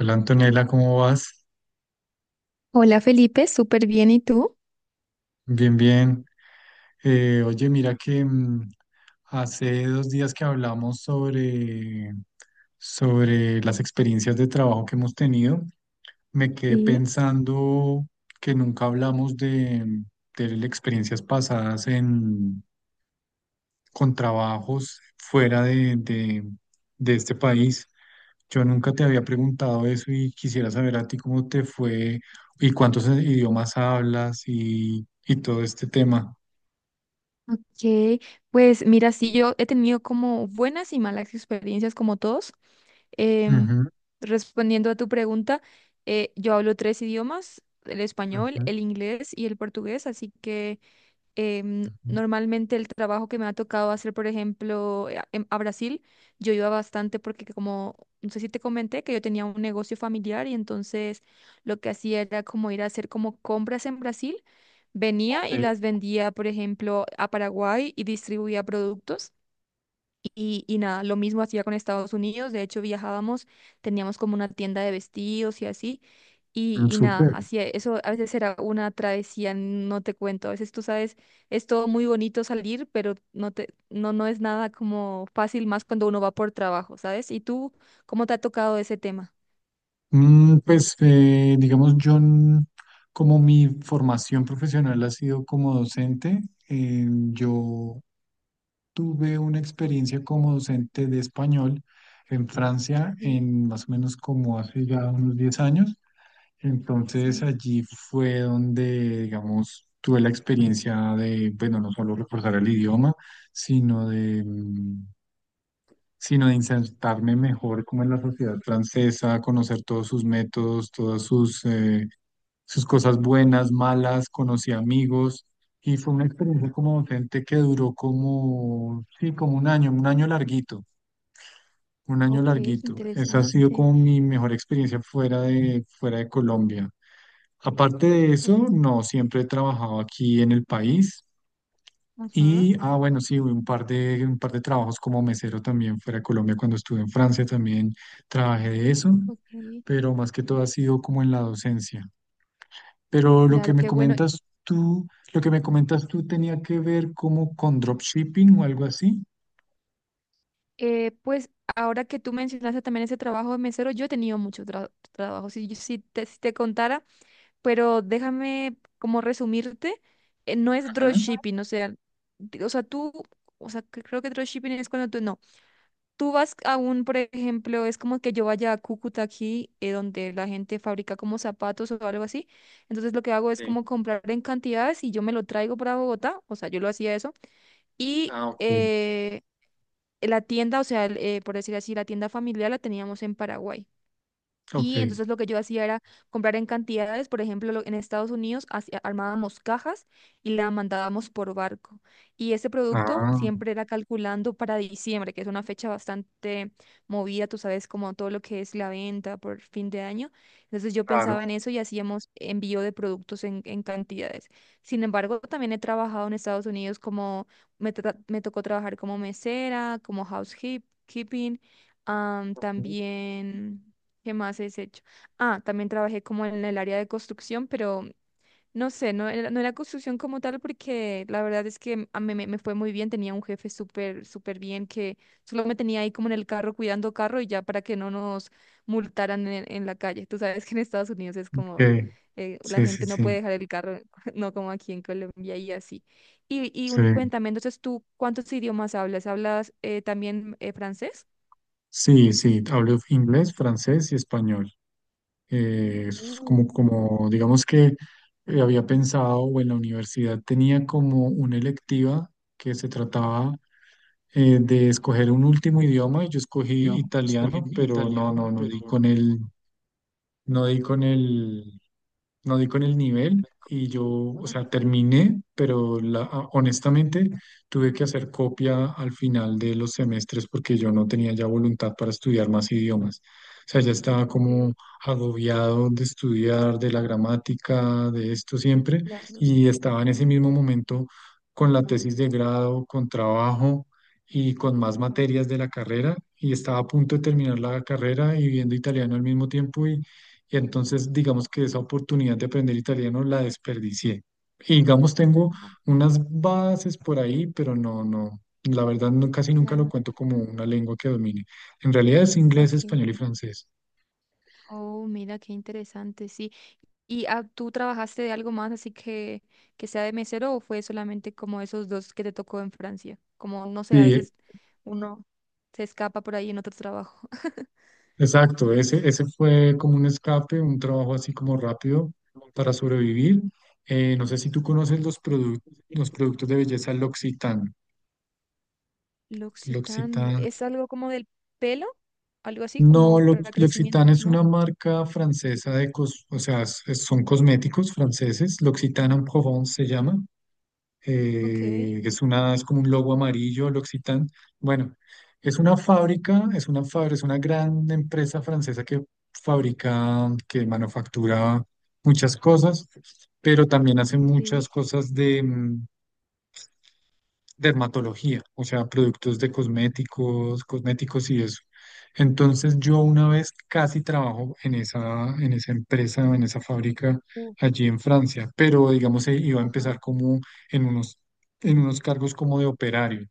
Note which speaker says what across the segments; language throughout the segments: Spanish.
Speaker 1: Hola Antonella, ¿cómo vas?
Speaker 2: Hola Felipe, súper bien, ¿y tú?
Speaker 1: Bien, bien. Oye, mira que hace dos días que hablamos sobre las experiencias de trabajo que hemos tenido, me quedé
Speaker 2: Sí.
Speaker 1: pensando que nunca hablamos de las experiencias pasadas en, con trabajos fuera de este país. Yo nunca te había preguntado eso y quisiera saber a ti cómo te fue y cuántos idiomas hablas y todo este tema.
Speaker 2: Ok, pues mira, sí, yo he tenido como buenas y malas experiencias como todos. Em,
Speaker 1: Ujú,
Speaker 2: Respondiendo a tu pregunta, yo hablo tres idiomas, el español,
Speaker 1: ujú,
Speaker 2: el inglés y el portugués, así que
Speaker 1: ujú.
Speaker 2: normalmente el trabajo que me ha tocado hacer, por ejemplo, a a Brasil, yo iba bastante porque que como, no sé si te comenté que yo tenía un negocio familiar, y entonces lo que hacía era como ir a hacer como compras en Brasil, venía
Speaker 1: Ok,
Speaker 2: y las vendía, por ejemplo, a Paraguay, y distribuía productos. Y nada, lo mismo hacía con Estados Unidos, de hecho viajábamos, teníamos como una tienda de vestidos y así,
Speaker 1: mm,
Speaker 2: y nada,
Speaker 1: súper.
Speaker 2: hacía eso, a veces era una travesía, no te cuento, a veces tú sabes, es todo muy bonito salir, pero no, no es nada como fácil, más cuando uno va por trabajo, ¿sabes? ¿Y tú cómo te ha tocado ese tema?
Speaker 1: Pues, digamos, como mi formación profesional ha sido como docente, eh, yo tuve una experiencia como docente de español en Francia,
Speaker 2: Sí,
Speaker 1: en más o menos como hace ya unos 10 años. Entonces
Speaker 2: sí.
Speaker 1: allí fue donde, digamos, tuve la experiencia de, bueno, no solo reforzar el idioma, sino de, mm, sino de insertarme mejor como en la sociedad francesa, conocer todos sus métodos, todas sus, sus cosas buenas, malas, conocí amigos y fue una experiencia como docente que duró como, sí, como un año larguito, un año
Speaker 2: Ok,
Speaker 1: larguito. Esa ha sido
Speaker 2: interesante.
Speaker 1: como mi mejor experiencia fuera de Colombia. Aparte de
Speaker 2: Uy,
Speaker 1: eso, no, siempre he trabajado aquí en el país.
Speaker 2: ajá,
Speaker 1: Y, ah, bueno, sí, un par de trabajos como mesero también fuera de Colombia. Cuando estuve en Francia también trabajé de eso,
Speaker 2: ok.
Speaker 1: pero más que todo ha sido como en la docencia. Pero lo que
Speaker 2: Claro,
Speaker 1: me
Speaker 2: qué bueno.
Speaker 1: comentas tú, lo que me comentas tú tenía que ver como con dropshipping o algo así.
Speaker 2: Pues ahora que tú mencionaste también ese trabajo de mesero, yo he tenido muchos trabajos, si, si te contara, pero déjame como resumirte, no es
Speaker 1: Ajá.
Speaker 2: dropshipping, o sea, o sea, tú, o sea, que creo que dropshipping es cuando tú, no, tú vas a un, por ejemplo, es como que yo vaya a Cúcuta aquí, donde la gente fabrica como zapatos o algo así, entonces lo que hago es
Speaker 1: Sí.
Speaker 2: como comprar en cantidades y yo me lo traigo para Bogotá, o sea, yo lo hacía eso, y...
Speaker 1: Ah, ok.
Speaker 2: la tienda, o sea, por decir así, la tienda familiar la teníamos en Paraguay. Y
Speaker 1: Ok.
Speaker 2: entonces lo que yo hacía era comprar en cantidades, por ejemplo, en Estados Unidos armábamos cajas y la mandábamos por barco. Y ese producto
Speaker 1: Ah,
Speaker 2: siempre era calculando para diciembre, que es una fecha bastante movida, tú sabes, como todo lo que es la venta por fin de año. Entonces yo
Speaker 1: claro.
Speaker 2: pensaba en eso y hacíamos envío de productos en cantidades. Sin embargo, también he trabajado en Estados Unidos como, me tocó trabajar como mesera, como housekeeping,
Speaker 1: Ok.
Speaker 2: también... ¿Qué más has hecho? Ah, también trabajé como en el área de construcción, pero no sé, no era construcción como tal porque la verdad es que a mí me fue muy bien, tenía un jefe súper, súper bien que solo me tenía ahí como en el carro cuidando carro y ya para que no nos multaran en la calle. Tú sabes que en Estados Unidos es como la
Speaker 1: Sí, sí,
Speaker 2: gente no puede
Speaker 1: sí.
Speaker 2: dejar el carro, no como aquí en Colombia y así. Y
Speaker 1: Sí,
Speaker 2: cuéntame, entonces tú, ¿cuántos idiomas hablas? ¿Hablas también francés?
Speaker 1: sí, sí. Hablo inglés, francés y español. Es
Speaker 2: Uh,
Speaker 1: como, digamos que había pensado o en la universidad tenía como una electiva que se trataba de escoger un último idioma y yo escogí italiano, pero no di no di no di con el nivel y yo, o sea,
Speaker 2: ajá,
Speaker 1: terminé, pero honestamente tuve que hacer copia al final de los semestres porque yo no tenía ya voluntad para estudiar más idiomas. O sea, ya estaba
Speaker 2: ok.
Speaker 1: como agobiado de estudiar, de la gramática, de esto siempre,
Speaker 2: Claro.
Speaker 1: y estaba en ese mismo momento con la tesis de grado, con trabajo y con más materias de la carrera, y estaba a punto de terminar la carrera y viendo italiano al mismo tiempo, y entonces, digamos que esa oportunidad de aprender italiano la desperdicié. Y digamos, tengo unas bases por ahí, pero la verdad no, casi nunca lo
Speaker 2: Claro,
Speaker 1: cuento como una lengua que domine. En realidad es inglés,
Speaker 2: ok.
Speaker 1: español y francés.
Speaker 2: Oh, mira, qué interesante, sí. ¿Y tú trabajaste de algo más así que sea de mesero o fue solamente como esos dos que te tocó en Francia? Como, no sé, a
Speaker 1: Sí,
Speaker 2: veces uno se escapa por ahí en otro trabajo.
Speaker 1: exacto. Ese fue como un escape, un trabajo así como rápido para sobrevivir. No sé si tú conoces los productos de belleza L'Occitane.
Speaker 2: L'Occitane,
Speaker 1: L'Occitane.
Speaker 2: ¿es algo como del pelo? Algo así,
Speaker 1: No,
Speaker 2: como
Speaker 1: Lo-
Speaker 2: para crecimiento,
Speaker 1: L'Occitane es una
Speaker 2: ¿no?
Speaker 1: marca francesa de cos, o sea, es- son cosméticos franceses. L'Occitane en Provence se llama.
Speaker 2: Ok,
Speaker 1: Es una, es como un logo amarillo, L'Occitane. Bueno, es una fábrica, es una gran empresa francesa que fabrica, que manufactura muchas cosas, pero también hace muchas
Speaker 2: sí.
Speaker 1: cosas, dermatología, o sea, productos de cosméticos, cosméticos y eso. Entonces yo una vez casi trabajo en esa empresa, en esa fábrica
Speaker 2: Uh,
Speaker 1: allí en Francia, pero digamos iba a empezar
Speaker 2: ajá.
Speaker 1: como en unos, en unos cargos como de operario.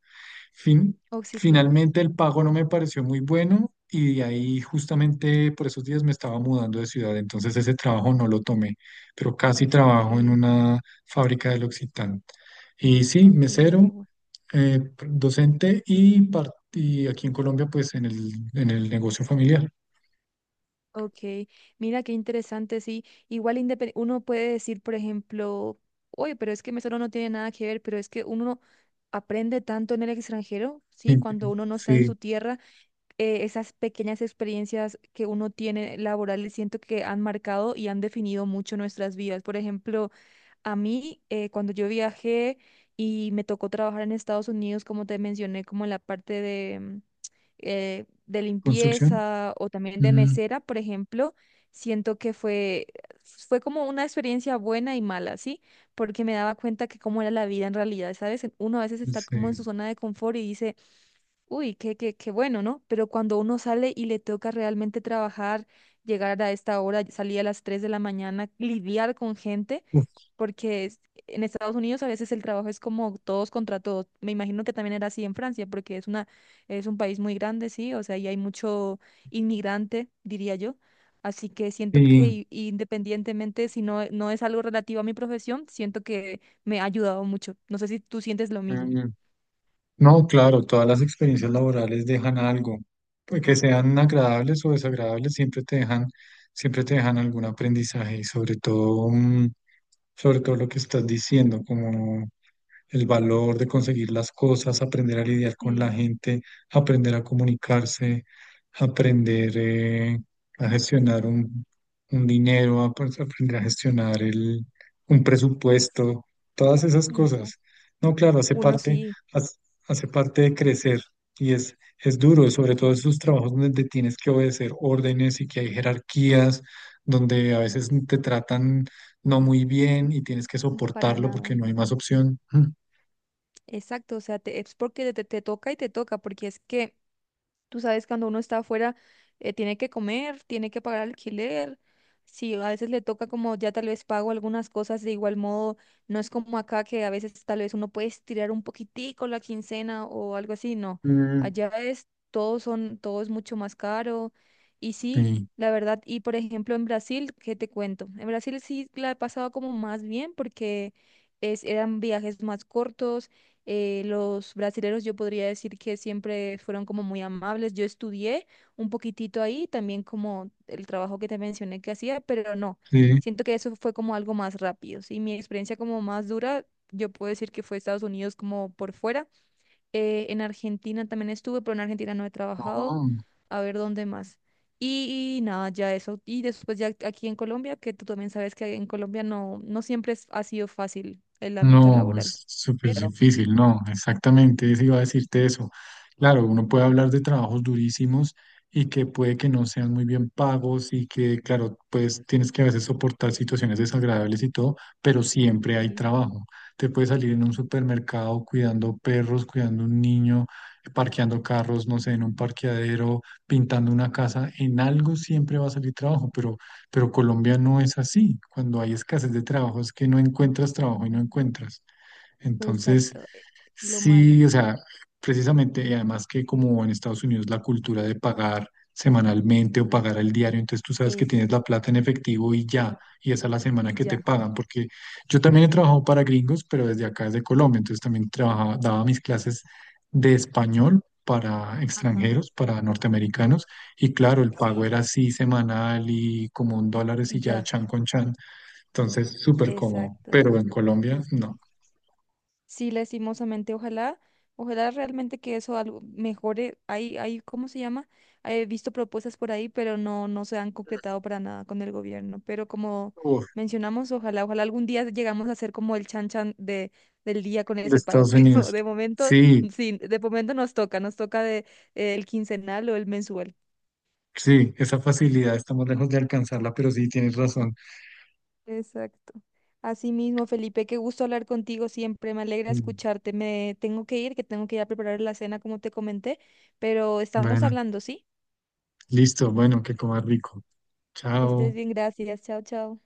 Speaker 1: Fin-
Speaker 2: Oh, sí, claro.
Speaker 1: Finalmente el pago no me pareció muy bueno y de ahí justamente por esos días me estaba mudando de ciudad, entonces ese trabajo no lo tomé, pero casi trabajo en
Speaker 2: Ok,
Speaker 1: una fábrica del Occitán. Y sí,
Speaker 2: ok, qué
Speaker 1: mesero,
Speaker 2: bueno.
Speaker 1: eh, docente y aquí en Colombia, pues en en el negocio familiar.
Speaker 2: Ok, mira qué interesante, sí. Igual uno puede decir, por ejemplo, oye, pero es que Mesero no tiene nada que ver, pero es que uno aprende tanto en el extranjero, sí, cuando uno no está en
Speaker 1: Sí,
Speaker 2: su tierra, esas pequeñas experiencias que uno tiene laborales siento que han marcado y han definido mucho nuestras vidas. Por ejemplo, a mí, cuando yo viajé y me tocó trabajar en Estados Unidos, como te mencioné, como en la parte de
Speaker 1: construcción.
Speaker 2: limpieza o también de
Speaker 1: Mm,
Speaker 2: mesera, por ejemplo, siento que fue, fue como una experiencia buena y mala, ¿sí? Porque me daba cuenta que cómo era la vida en realidad, ¿sabes? Uno a veces está como en su
Speaker 1: sí.
Speaker 2: zona de confort y dice, uy, qué, qué, qué bueno, ¿no? Pero cuando uno sale y le toca realmente trabajar, llegar a esta hora, salir a las 3 de la mañana, lidiar con gente
Speaker 1: Uf,
Speaker 2: porque en Estados Unidos a veces el trabajo es como todos contra todos. Me imagino que también era así en Francia, porque es una, es un país muy grande, sí, o sea, y hay mucho inmigrante, diría yo. Así que siento que
Speaker 1: y,
Speaker 2: independientemente si no, no es algo relativo a mi profesión, siento que me ha ayudado mucho. No sé si tú sientes lo mismo.
Speaker 1: mm, no, claro, todas las experiencias laborales dejan algo, pues que sean agradables o desagradables, siempre te dejan algún aprendizaje y sobre todo, sobre todo lo que estás diciendo, como el valor de conseguir las cosas, aprender a lidiar con la
Speaker 2: Sí,
Speaker 1: gente, aprender a comunicarse, aprender a gestionar un dinero, pues, aprender a gestionar un presupuesto, todas esas
Speaker 2: exacto.
Speaker 1: cosas. No, claro, hace
Speaker 2: Uno
Speaker 1: parte,
Speaker 2: sí,
Speaker 1: hace, hace parte de crecer y es duro, sobre todo esos trabajos donde tienes que obedecer órdenes y que hay jerarquías, donde a veces te tratan no muy bien y tienes que
Speaker 2: para
Speaker 1: soportarlo
Speaker 2: nada.
Speaker 1: porque no hay más opción.
Speaker 2: Exacto, o sea, es porque te toca y te toca, porque es que tú sabes, cuando uno está afuera, tiene que comer, tiene que pagar alquiler. Sí, a veces le toca como ya tal vez pago algunas cosas de igual modo. No es como acá que a veces tal vez uno puede estirar un poquitico la quincena o algo así. No,
Speaker 1: Mm,
Speaker 2: allá es todo son, todo es mucho más caro. Y sí,
Speaker 1: sí,
Speaker 2: la verdad. Y por ejemplo en Brasil, ¿qué te cuento? En Brasil sí la he pasado como más bien porque eran viajes más cortos los brasileros yo podría decir que siempre fueron como muy amables. Yo estudié un poquitito ahí, también como el trabajo que te mencioné que hacía, pero no,
Speaker 1: sí.
Speaker 2: siento que eso fue como algo más rápido. Sí, mi experiencia como más dura, yo puedo decir que fue Estados Unidos como por fuera. En Argentina también estuve, pero en Argentina no he trabajado.
Speaker 1: No,
Speaker 2: A ver dónde más. Y nada, ya eso. Y después ya aquí en Colombia, que tú también sabes que en Colombia no, no siempre ha sido fácil el ámbito
Speaker 1: no,
Speaker 2: laboral.
Speaker 1: es súper
Speaker 2: Pero
Speaker 1: difícil, no, exactamente, eso iba a decirte eso. Claro, uno puede hablar de trabajos durísimos y que puede que no sean muy bien pagos y que, claro, pues tienes que a veces soportar situaciones desagradables y todo, pero siempre hay
Speaker 2: sí.
Speaker 1: trabajo. Te puedes salir en un supermercado cuidando perros, cuidando un niño, parqueando carros, no sé, en un parqueadero, pintando una casa, en algo siempre va a salir trabajo, pero Colombia no es así. Cuando hay escasez de trabajo es que no encuentras trabajo y no encuentras. Entonces,
Speaker 2: Exacto, lo malo.
Speaker 1: sí, o sea, precisamente, y además que como en Estados Unidos la cultura de pagar semanalmente o pagar al diario, entonces tú sabes que tienes la
Speaker 2: Exacto.
Speaker 1: plata en efectivo y ya, y esa es la semana
Speaker 2: Y
Speaker 1: que te
Speaker 2: ya.
Speaker 1: pagan, porque yo también he trabajado para gringos, pero desde acá, desde Colombia, entonces también trabajaba, daba mis clases de español para
Speaker 2: Ajá.
Speaker 1: extranjeros, para
Speaker 2: o-
Speaker 1: norteamericanos, y claro, el pago
Speaker 2: sí,
Speaker 1: era así semanal y como un dólar y ya,
Speaker 2: ya.
Speaker 1: chan con chan, entonces súper cómodo,
Speaker 2: Exacto.
Speaker 1: pero en Colombia
Speaker 2: Sí.
Speaker 1: no.
Speaker 2: Sí, lastimosamente, ojalá, ojalá realmente que eso algo mejore. Hay, ¿cómo se llama? He visto propuestas por ahí, pero no, no se han concretado para nada con el gobierno. Pero como mencionamos, ojalá, ojalá algún día llegamos a ser como el chan chan de, del día con
Speaker 1: De
Speaker 2: ese pago.
Speaker 1: Estados
Speaker 2: Pero
Speaker 1: Unidos.
Speaker 2: de momento,
Speaker 1: Sí,
Speaker 2: sí, de momento nos toca de, el quincenal o el mensual.
Speaker 1: sí, esa facilidad estamos lejos de alcanzarla, pero sí, tienes razón.
Speaker 2: Exacto. Asimismo, Felipe, qué gusto hablar contigo siempre. Me alegra
Speaker 1: Mm,
Speaker 2: escucharte. Me tengo que ir, que tengo que ir a preparar la cena, como te comenté, pero estamos
Speaker 1: bueno,
Speaker 2: hablando, ¿sí?
Speaker 1: listo, bueno, que comas rico.
Speaker 2: Que estés
Speaker 1: Chao.
Speaker 2: bien, gracias. Chao, chao.